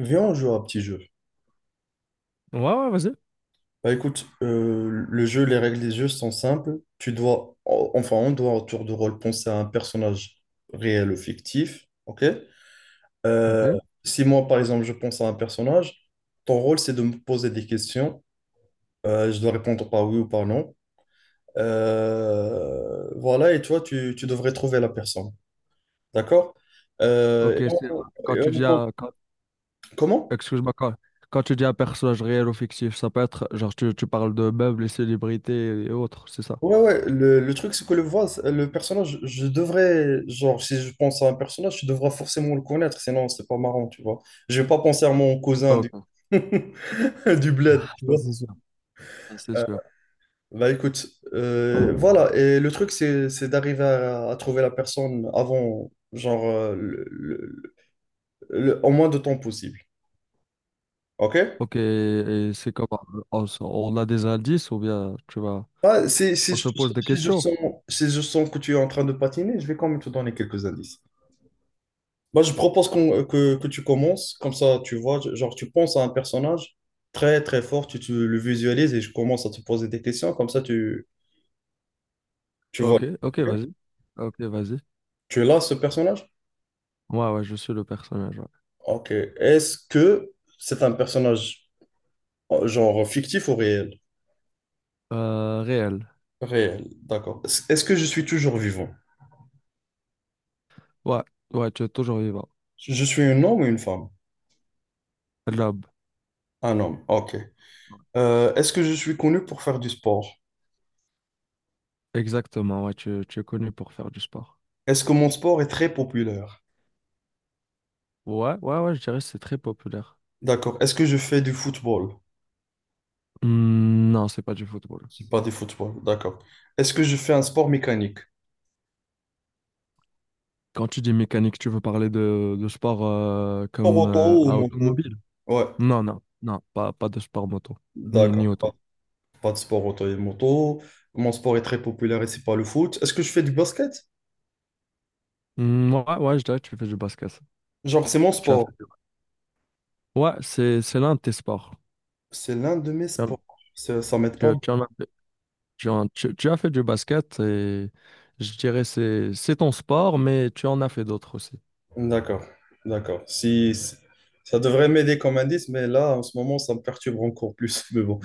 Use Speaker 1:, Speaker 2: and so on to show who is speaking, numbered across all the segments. Speaker 1: Viens, on joue à un petit jeu.
Speaker 2: Ouais, ouais, vas-y.
Speaker 1: Bah écoute, le jeu, les règles des jeux sont simples. Tu dois, enfin, on doit en tour de rôle penser à un personnage réel ou fictif. Ok? Euh,
Speaker 2: Ok.
Speaker 1: si moi, par exemple, je pense à un personnage, ton rôle, c'est de me poser des questions. Je dois répondre par oui ou par non. Voilà, et toi, tu devrais trouver la personne. D'accord? Euh, et
Speaker 2: Ok, c'est
Speaker 1: on-
Speaker 2: quand
Speaker 1: et
Speaker 2: tu dis
Speaker 1: on-
Speaker 2: un- quand-
Speaker 1: comment?
Speaker 2: excuse-moi, quand, quand tu dis un personnage réel ou fictif, ça peut être genre tu parles de meubles et célébrités et autres, c'est ça.
Speaker 1: Ouais, ouais, le truc, c'est que le voix, le personnage, je devrais, genre, si je pense à un personnage, je devrais forcément le connaître, sinon c'est pas marrant, tu vois. Je vais pas penser à mon cousin du,
Speaker 2: Ok.
Speaker 1: du bled,
Speaker 2: Ah,
Speaker 1: tu
Speaker 2: ça c'est
Speaker 1: vois.
Speaker 2: sûr. Ça c'est
Speaker 1: Euh,
Speaker 2: sûr.
Speaker 1: bah écoute, voilà, et le truc, c'est d'arriver à trouver la personne avant, genre, en moins de temps possible, ok?
Speaker 2: Ok, et c'est comment? On, s- on a des indices ou bien tu vas.
Speaker 1: Bah, si, si
Speaker 2: On
Speaker 1: je,
Speaker 2: se pose des
Speaker 1: si je
Speaker 2: questions.
Speaker 1: sens, si je sens que tu es en train de patiner, je vais quand même te donner quelques indices. Moi je propose que tu commences, comme ça, tu vois, genre, tu penses à un personnage très, très fort, tu le visualises et je commence à te poser des questions, comme ça, tu vois.
Speaker 2: Ok, ok,
Speaker 1: Ok.
Speaker 2: vas-y. Ok, vas-y.
Speaker 1: Tu es là, ce personnage?
Speaker 2: Ouais, ouais, je suis le personnage, ouais.
Speaker 1: Ok. Est-ce que c'est un personnage, genre, fictif ou réel?
Speaker 2: Réel.
Speaker 1: Réel, d'accord. Est-ce que je suis toujours vivant?
Speaker 2: Ouais, ouais, tu es toujours vivant.
Speaker 1: Je suis un homme ou une femme?
Speaker 2: Lob.
Speaker 1: Un homme, ok. Est-ce que je suis connu pour faire du sport?
Speaker 2: Exactement, ouais, tu es connu pour faire du sport.
Speaker 1: Est-ce que mon sport est très populaire?
Speaker 2: Ouais, ouais, ouais, je dirais que c'est très populaire.
Speaker 1: D'accord. Est-ce que je fais du football?
Speaker 2: Hmm, non, c'est pas du football.
Speaker 1: C'est pas du football, d'accord. Est-ce que je fais un sport mécanique?
Speaker 2: Quand tu dis mécanique, tu veux parler de sport comme
Speaker 1: Sport auto ou
Speaker 2: à
Speaker 1: moto?
Speaker 2: automobile?
Speaker 1: Ouais,
Speaker 2: Non, non, non, pas, pas de sport moto, ni, ni
Speaker 1: d'accord. Pas,
Speaker 2: auto.
Speaker 1: pas de sport auto et moto. Mon sport est très populaire et c'est pas le foot. Est-ce que je fais du basket?
Speaker 2: Hmm, ouais, ouais, je dirais que tu fais du basket.
Speaker 1: Genre, c'est mon
Speaker 2: Tu as fait
Speaker 1: sport.
Speaker 2: du- Ouais, c'est l'un de tes sports.
Speaker 1: C'est l'un de mes
Speaker 2: Tu en
Speaker 1: sports. Ça m'aide
Speaker 2: tu-
Speaker 1: pas.
Speaker 2: tu en as fait. Tu as fait du basket et je dirais c'est ton sport, mais tu en as fait d'autres aussi.
Speaker 1: D'accord, d'accord. Ça devrait m'aider comme indice, mais là, en ce moment, ça me perturbe encore plus. Mais bon.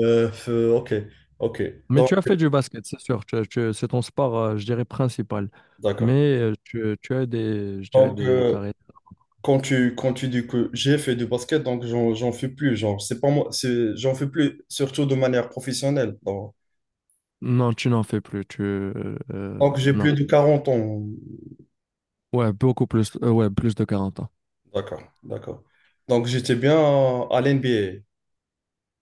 Speaker 1: Ok, ok.
Speaker 2: Mais
Speaker 1: Donc,
Speaker 2: tu as fait du basket, c'est sûr. C'est ton sport, je dirais, principal.
Speaker 1: d'accord.
Speaker 2: Mais tu, tu as des, je dirais,
Speaker 1: Donc,
Speaker 2: des carrières.
Speaker 1: quand tu dis que j'ai fait du basket, donc j'en fais plus, genre, c'est pas moi, j'en fais plus, surtout de manière professionnelle. Donc,
Speaker 2: Non, tu n'en fais plus.
Speaker 1: donc j'ai
Speaker 2: Non.
Speaker 1: plus de 40 ans.
Speaker 2: Ouais, beaucoup plus. Ouais, plus de 40 ans.
Speaker 1: D'accord, d'accord. Donc, j'étais bien à, l'NBA.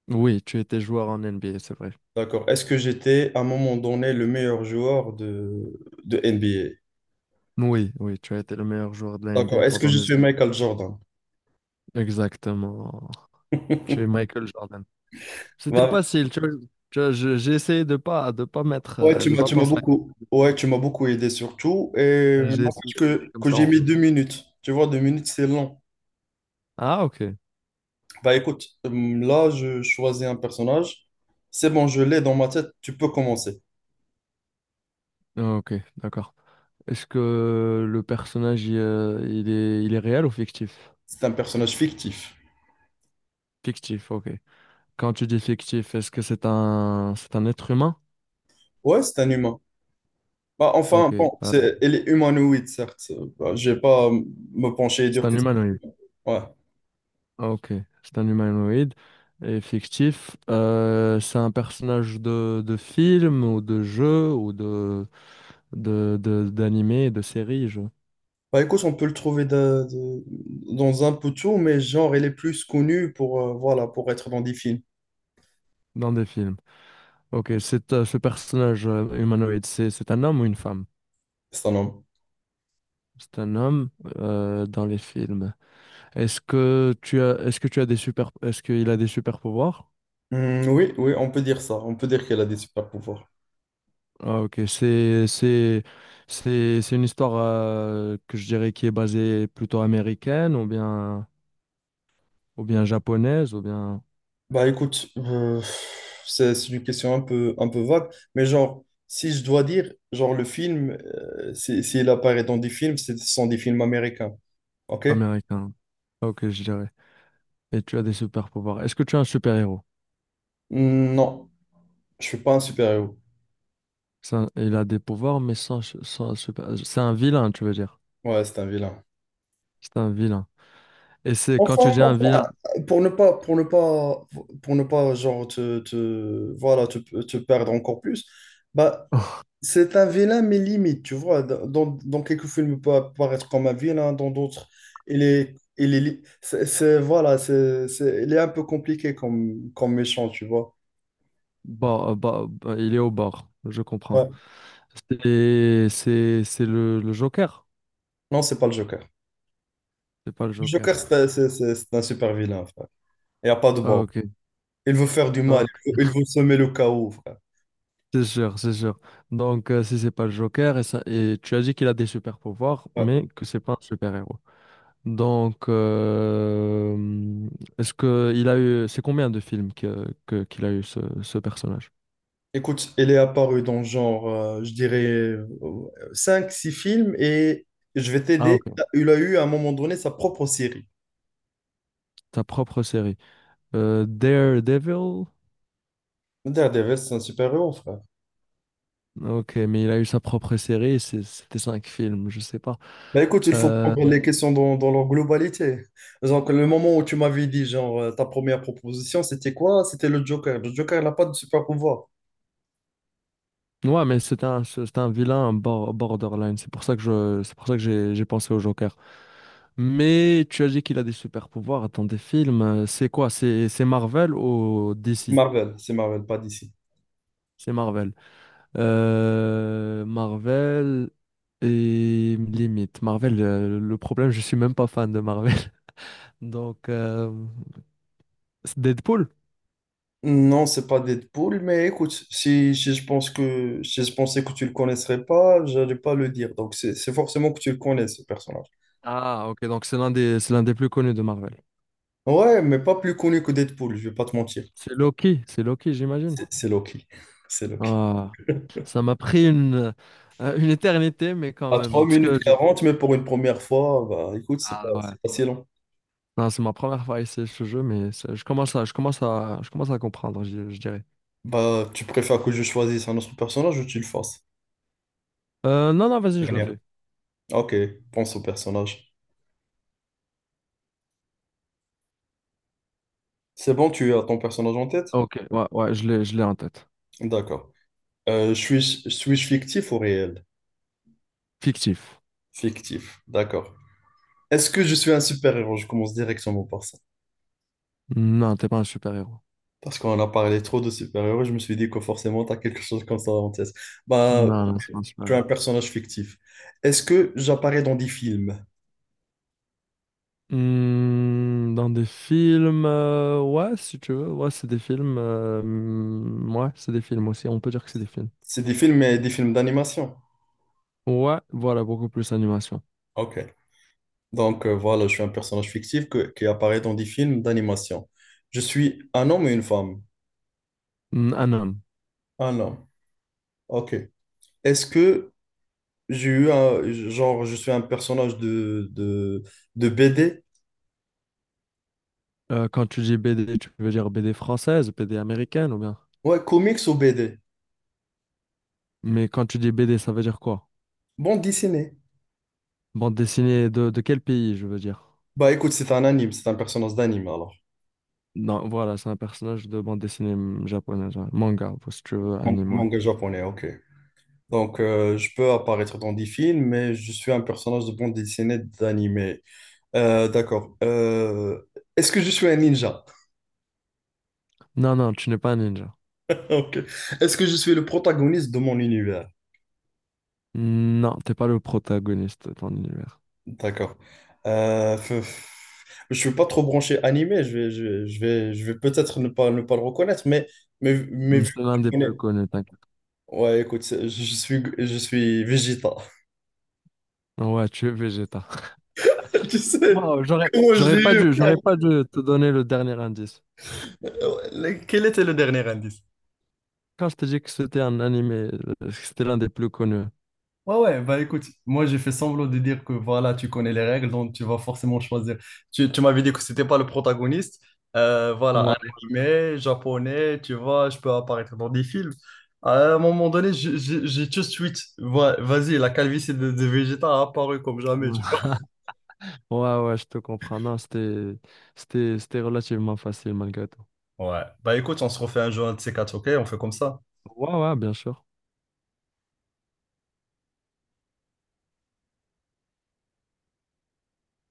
Speaker 2: Oui, tu étais joueur en NBA, c'est vrai.
Speaker 1: D'accord. Est-ce que j'étais à un moment donné le meilleur joueur de NBA?
Speaker 2: Oui, oui, tu as été le meilleur joueur de la
Speaker 1: D'accord.
Speaker 2: NBA
Speaker 1: Est-ce que
Speaker 2: pendant
Speaker 1: je
Speaker 2: des
Speaker 1: suis
Speaker 2: années.
Speaker 1: Michael Jordan?
Speaker 2: Exactement. Tu es Michael Jordan. C'était
Speaker 1: Bah,
Speaker 2: facile, tu vois. Tu vois, j'ai essayé de pas mettre
Speaker 1: ouais, tu
Speaker 2: de
Speaker 1: m'as,
Speaker 2: pas
Speaker 1: tu m'as
Speaker 2: penser
Speaker 1: beaucoup, ouais, tu m'as beaucoup aidé surtout. Et
Speaker 2: à j'ai
Speaker 1: n'empêche
Speaker 2: essayé d'aider
Speaker 1: que,
Speaker 2: comme
Speaker 1: que
Speaker 2: ça.
Speaker 1: j'ai
Speaker 2: En-
Speaker 1: mis 2 minutes. Tu vois, 2 minutes, c'est long.
Speaker 2: Ah ok.
Speaker 1: Bah écoute, là, je choisis un personnage. C'est bon, je l'ai dans ma tête, tu peux commencer.
Speaker 2: Ah, ok, d'accord. Est-ce que le personnage il est réel ou fictif?
Speaker 1: C'est un personnage fictif.
Speaker 2: Fictif, ok. Quand tu dis fictif, est-ce que c'est un être humain?
Speaker 1: Ouais, c'est un humain. Bah, enfin,
Speaker 2: Ok.
Speaker 1: bon, il est humanoïde, certes. Bah, je vais pas me pencher et
Speaker 2: C'est
Speaker 1: dire
Speaker 2: un
Speaker 1: que...
Speaker 2: humanoïde.
Speaker 1: Ouais.
Speaker 2: Ah, ok. C'est un humanoïde et fictif. C'est un personnage de film ou de jeu ou d'animé, de série, je
Speaker 1: Bah écoute, on peut le trouver dans un peu tout, mais genre, il est plus connu pour, voilà, pour être dans des films.
Speaker 2: dans des films. Ok, c'est, ce personnage humanoïde, c'est un homme ou une femme?
Speaker 1: C'est un homme.
Speaker 2: C'est un homme dans les films. Est-ce que tu as, est-ce que tu as des super, est-ce qu'il a des super pouvoirs?
Speaker 1: Oui, oui, on peut dire ça. On peut dire qu'elle a des super pouvoirs.
Speaker 2: Ah, ok, c'est une histoire que je dirais qui est basée plutôt américaine ou bien japonaise ou bien
Speaker 1: Bah écoute, c'est une question un peu vague, mais genre, si je dois dire, genre le film, s'il apparaît dans des films, ce sont des films américains, ok?
Speaker 2: américaine. Ok, je dirais. Et tu as des super pouvoirs. Est-ce que tu as un super héros?
Speaker 1: Non, je suis pas un super-héros.
Speaker 2: Il a des pouvoirs mais sans, sans super. C'est un vilain, tu veux dire?
Speaker 1: Ouais, c'est un vilain.
Speaker 2: C'est un vilain. Et c'est quand
Speaker 1: Enfin,
Speaker 2: tu dis un
Speaker 1: enfin,
Speaker 2: vilain,
Speaker 1: pour ne pas, pour ne pas, pour ne pas, genre, voilà, te perdre encore plus, bah, c'est un vilain, mais limite, tu vois. Dans quelques films, il peut apparaître comme un vilain, hein, dans d'autres, voilà, il est un peu compliqué comme méchant, tu vois.
Speaker 2: bon, bah, bah, il est au bord, je comprends.
Speaker 1: Ouais.
Speaker 2: C'est le Joker,
Speaker 1: Non, c'est pas le Joker.
Speaker 2: c'est pas le
Speaker 1: Le Joker,
Speaker 2: Joker.
Speaker 1: c'est un super vilain, frère. Il n'y a pas de
Speaker 2: Ah,
Speaker 1: bord.
Speaker 2: ok.
Speaker 1: Il veut faire du
Speaker 2: Ah,
Speaker 1: mal,
Speaker 2: ok.
Speaker 1: il veut semer le chaos, frère.
Speaker 2: C'est sûr, c'est sûr. Donc si c'est pas le Joker et ça et tu as dit qu'il a des super pouvoirs,
Speaker 1: Ouais.
Speaker 2: mais que c'est pas un super héros. Donc est-ce que il a eu c'est combien de films qu'il a eu ce, ce personnage?
Speaker 1: Écoute, il est apparu dans genre, je dirais, cinq six films et je vais
Speaker 2: Ah
Speaker 1: t'aider.
Speaker 2: ok,
Speaker 1: Il a eu à un moment donné sa propre série.
Speaker 2: ta propre série. Daredevil.
Speaker 1: Daredevil, c'est un super-héros, frère.
Speaker 2: Ok, mais il a eu sa propre série, c'est- c'était 5 films, je sais pas.
Speaker 1: Bah écoute, il faut
Speaker 2: Euh,
Speaker 1: prendre les questions dans leur globalité. Donc, le moment où tu m'avais dit, genre, ta première proposition, c'était quoi? C'était le Joker. Le Joker, il n'a pas de super pouvoir.
Speaker 2: ouais, mais c'est un vilain un bor- borderline, c'est pour ça que je, c'est pour ça que j'ai pensé au Joker. Mais tu as dit qu'il a des super pouvoirs dans des films, c'est quoi? C'est Marvel ou DC?
Speaker 1: C'est Marvel, pas d'ici.
Speaker 2: C'est Marvel. Marvel et limite. Marvel, le problème, je suis même pas fan de Marvel. Donc, c'est Deadpool?
Speaker 1: Non, c'est pas Deadpool, mais écoute, si je pensais que tu le connaisserais pas, j'allais pas le dire. Donc, c'est forcément que tu le connais, ce personnage.
Speaker 2: Ah, ok, donc c'est l'un des plus connus de Marvel.
Speaker 1: Ouais, mais pas plus connu que Deadpool, je vais pas te mentir.
Speaker 2: C'est Loki, j'imagine.
Speaker 1: C'est Loki. C'est Loki.
Speaker 2: Ah, ça m'a pris une éternité, mais quand
Speaker 1: À 3
Speaker 2: même. Parce que
Speaker 1: minutes
Speaker 2: je-
Speaker 1: 40 mais pour une première fois, bah écoute, c'est pas,
Speaker 2: Ah ouais.
Speaker 1: c'est pas si long.
Speaker 2: Non, c'est ma première fois à essayer ce jeu, mais c'est- je commence à comprendre, je dirais.
Speaker 1: Bah, tu préfères que je choisisse un autre personnage ou tu le fasses?
Speaker 2: Non, non, vas-y, je le
Speaker 1: Dernière.
Speaker 2: fais.
Speaker 1: Ok, pense au personnage. C'est bon, tu as ton personnage en tête?
Speaker 2: Ok, ouais, ouais, je l'ai en tête.
Speaker 1: D'accord. Euh, je suis, suis-je fictif ou réel?
Speaker 2: Fictif.
Speaker 1: Fictif, d'accord. Est-ce que je suis un super-héros? Je commence directement par ça.
Speaker 2: Non, t'es pas un super-héros.
Speaker 1: Parce qu'on a parlé trop de super-héros, je me suis dit que forcément, tu as quelque chose comme ça en tête. Bah,
Speaker 2: Non,
Speaker 1: ok,
Speaker 2: non, c'est pas un
Speaker 1: tu es
Speaker 2: super-héros.
Speaker 1: un personnage fictif. Est-ce que j'apparais dans des films?
Speaker 2: Hmm, dans des films, ouais, si tu veux, ouais, c'est des films. Hmm, ouais, c'est des films aussi, on peut dire que c'est des films.
Speaker 1: C'est des films, mais des films d'animation.
Speaker 2: Ouais, voilà, beaucoup plus animation.
Speaker 1: Ok. Donc voilà, je suis un personnage fictif qui apparaît dans des films d'animation. Je suis un homme et une femme.
Speaker 2: Mm, un homme.
Speaker 1: Un homme. Ok. Est-ce que j'ai eu un... Genre, je suis un personnage de BD?
Speaker 2: Quand tu dis BD, tu veux dire BD française, BD américaine ou bien?
Speaker 1: Ouais, comics ou BD?
Speaker 2: Mais quand tu dis BD, ça veut dire quoi?
Speaker 1: Bon, dessiné.
Speaker 2: Bande dessinée de quel pays, je veux dire?
Speaker 1: Bah écoute, c'est un anime, c'est un personnage d'anime alors.
Speaker 2: Non, voilà, c'est un personnage de bande dessinée mm, japonaise, ouais. Manga, ou si tu veux, anime, ouais.
Speaker 1: Manga japonais, ok. Donc je peux apparaître dans des films, mais je suis un personnage de bande dessinée d'animé. D'accord. Est-ce que je suis un ninja?
Speaker 2: Non, non, tu n'es pas un ninja.
Speaker 1: Ok. Est-ce que je suis le protagoniste de mon univers?
Speaker 2: Non, t'es pas le protagoniste de ton univers.
Speaker 1: D'accord. Euh, f- f- je suis pas trop branché animé, je vais peut-être ne pas le reconnaître, mais,
Speaker 2: Mm,
Speaker 1: vu
Speaker 2: c'est
Speaker 1: que
Speaker 2: l'un
Speaker 1: tu
Speaker 2: des
Speaker 1: connais...
Speaker 2: plus connus, t'inquiète.
Speaker 1: Ouais, écoute, je suis Vegeta.
Speaker 2: Ouais, tu es Vegeta.
Speaker 1: Tu sais,
Speaker 2: Wow,
Speaker 1: comment je l'ai eu?
Speaker 2: j'aurais pas dû te donner le dernier indice.
Speaker 1: Quel était le dernier indice?
Speaker 2: Quand je t'ai dit que c'était un animé, que c'était l'un des plus connus.
Speaker 1: Ouais, ouais, bah écoute, moi j'ai fait semblant de dire que voilà, tu connais les règles, donc tu vas forcément choisir. Tu m'avais dit que c'était pas le protagoniste. Voilà, un animé japonais, tu vois, je peux apparaître dans des films. À un moment donné, j'ai tout de suite, ouais, vas-y, la calvitie de Vegeta a apparu comme jamais, tu
Speaker 2: Ouais. Ouais, ouais, je te comprends. Non, c'était relativement facile malgré tout.
Speaker 1: vois. Ouais, bah écoute, on se refait un jeu un de ces quatre, ok? On fait comme ça.
Speaker 2: Ouais, ouais, bien sûr.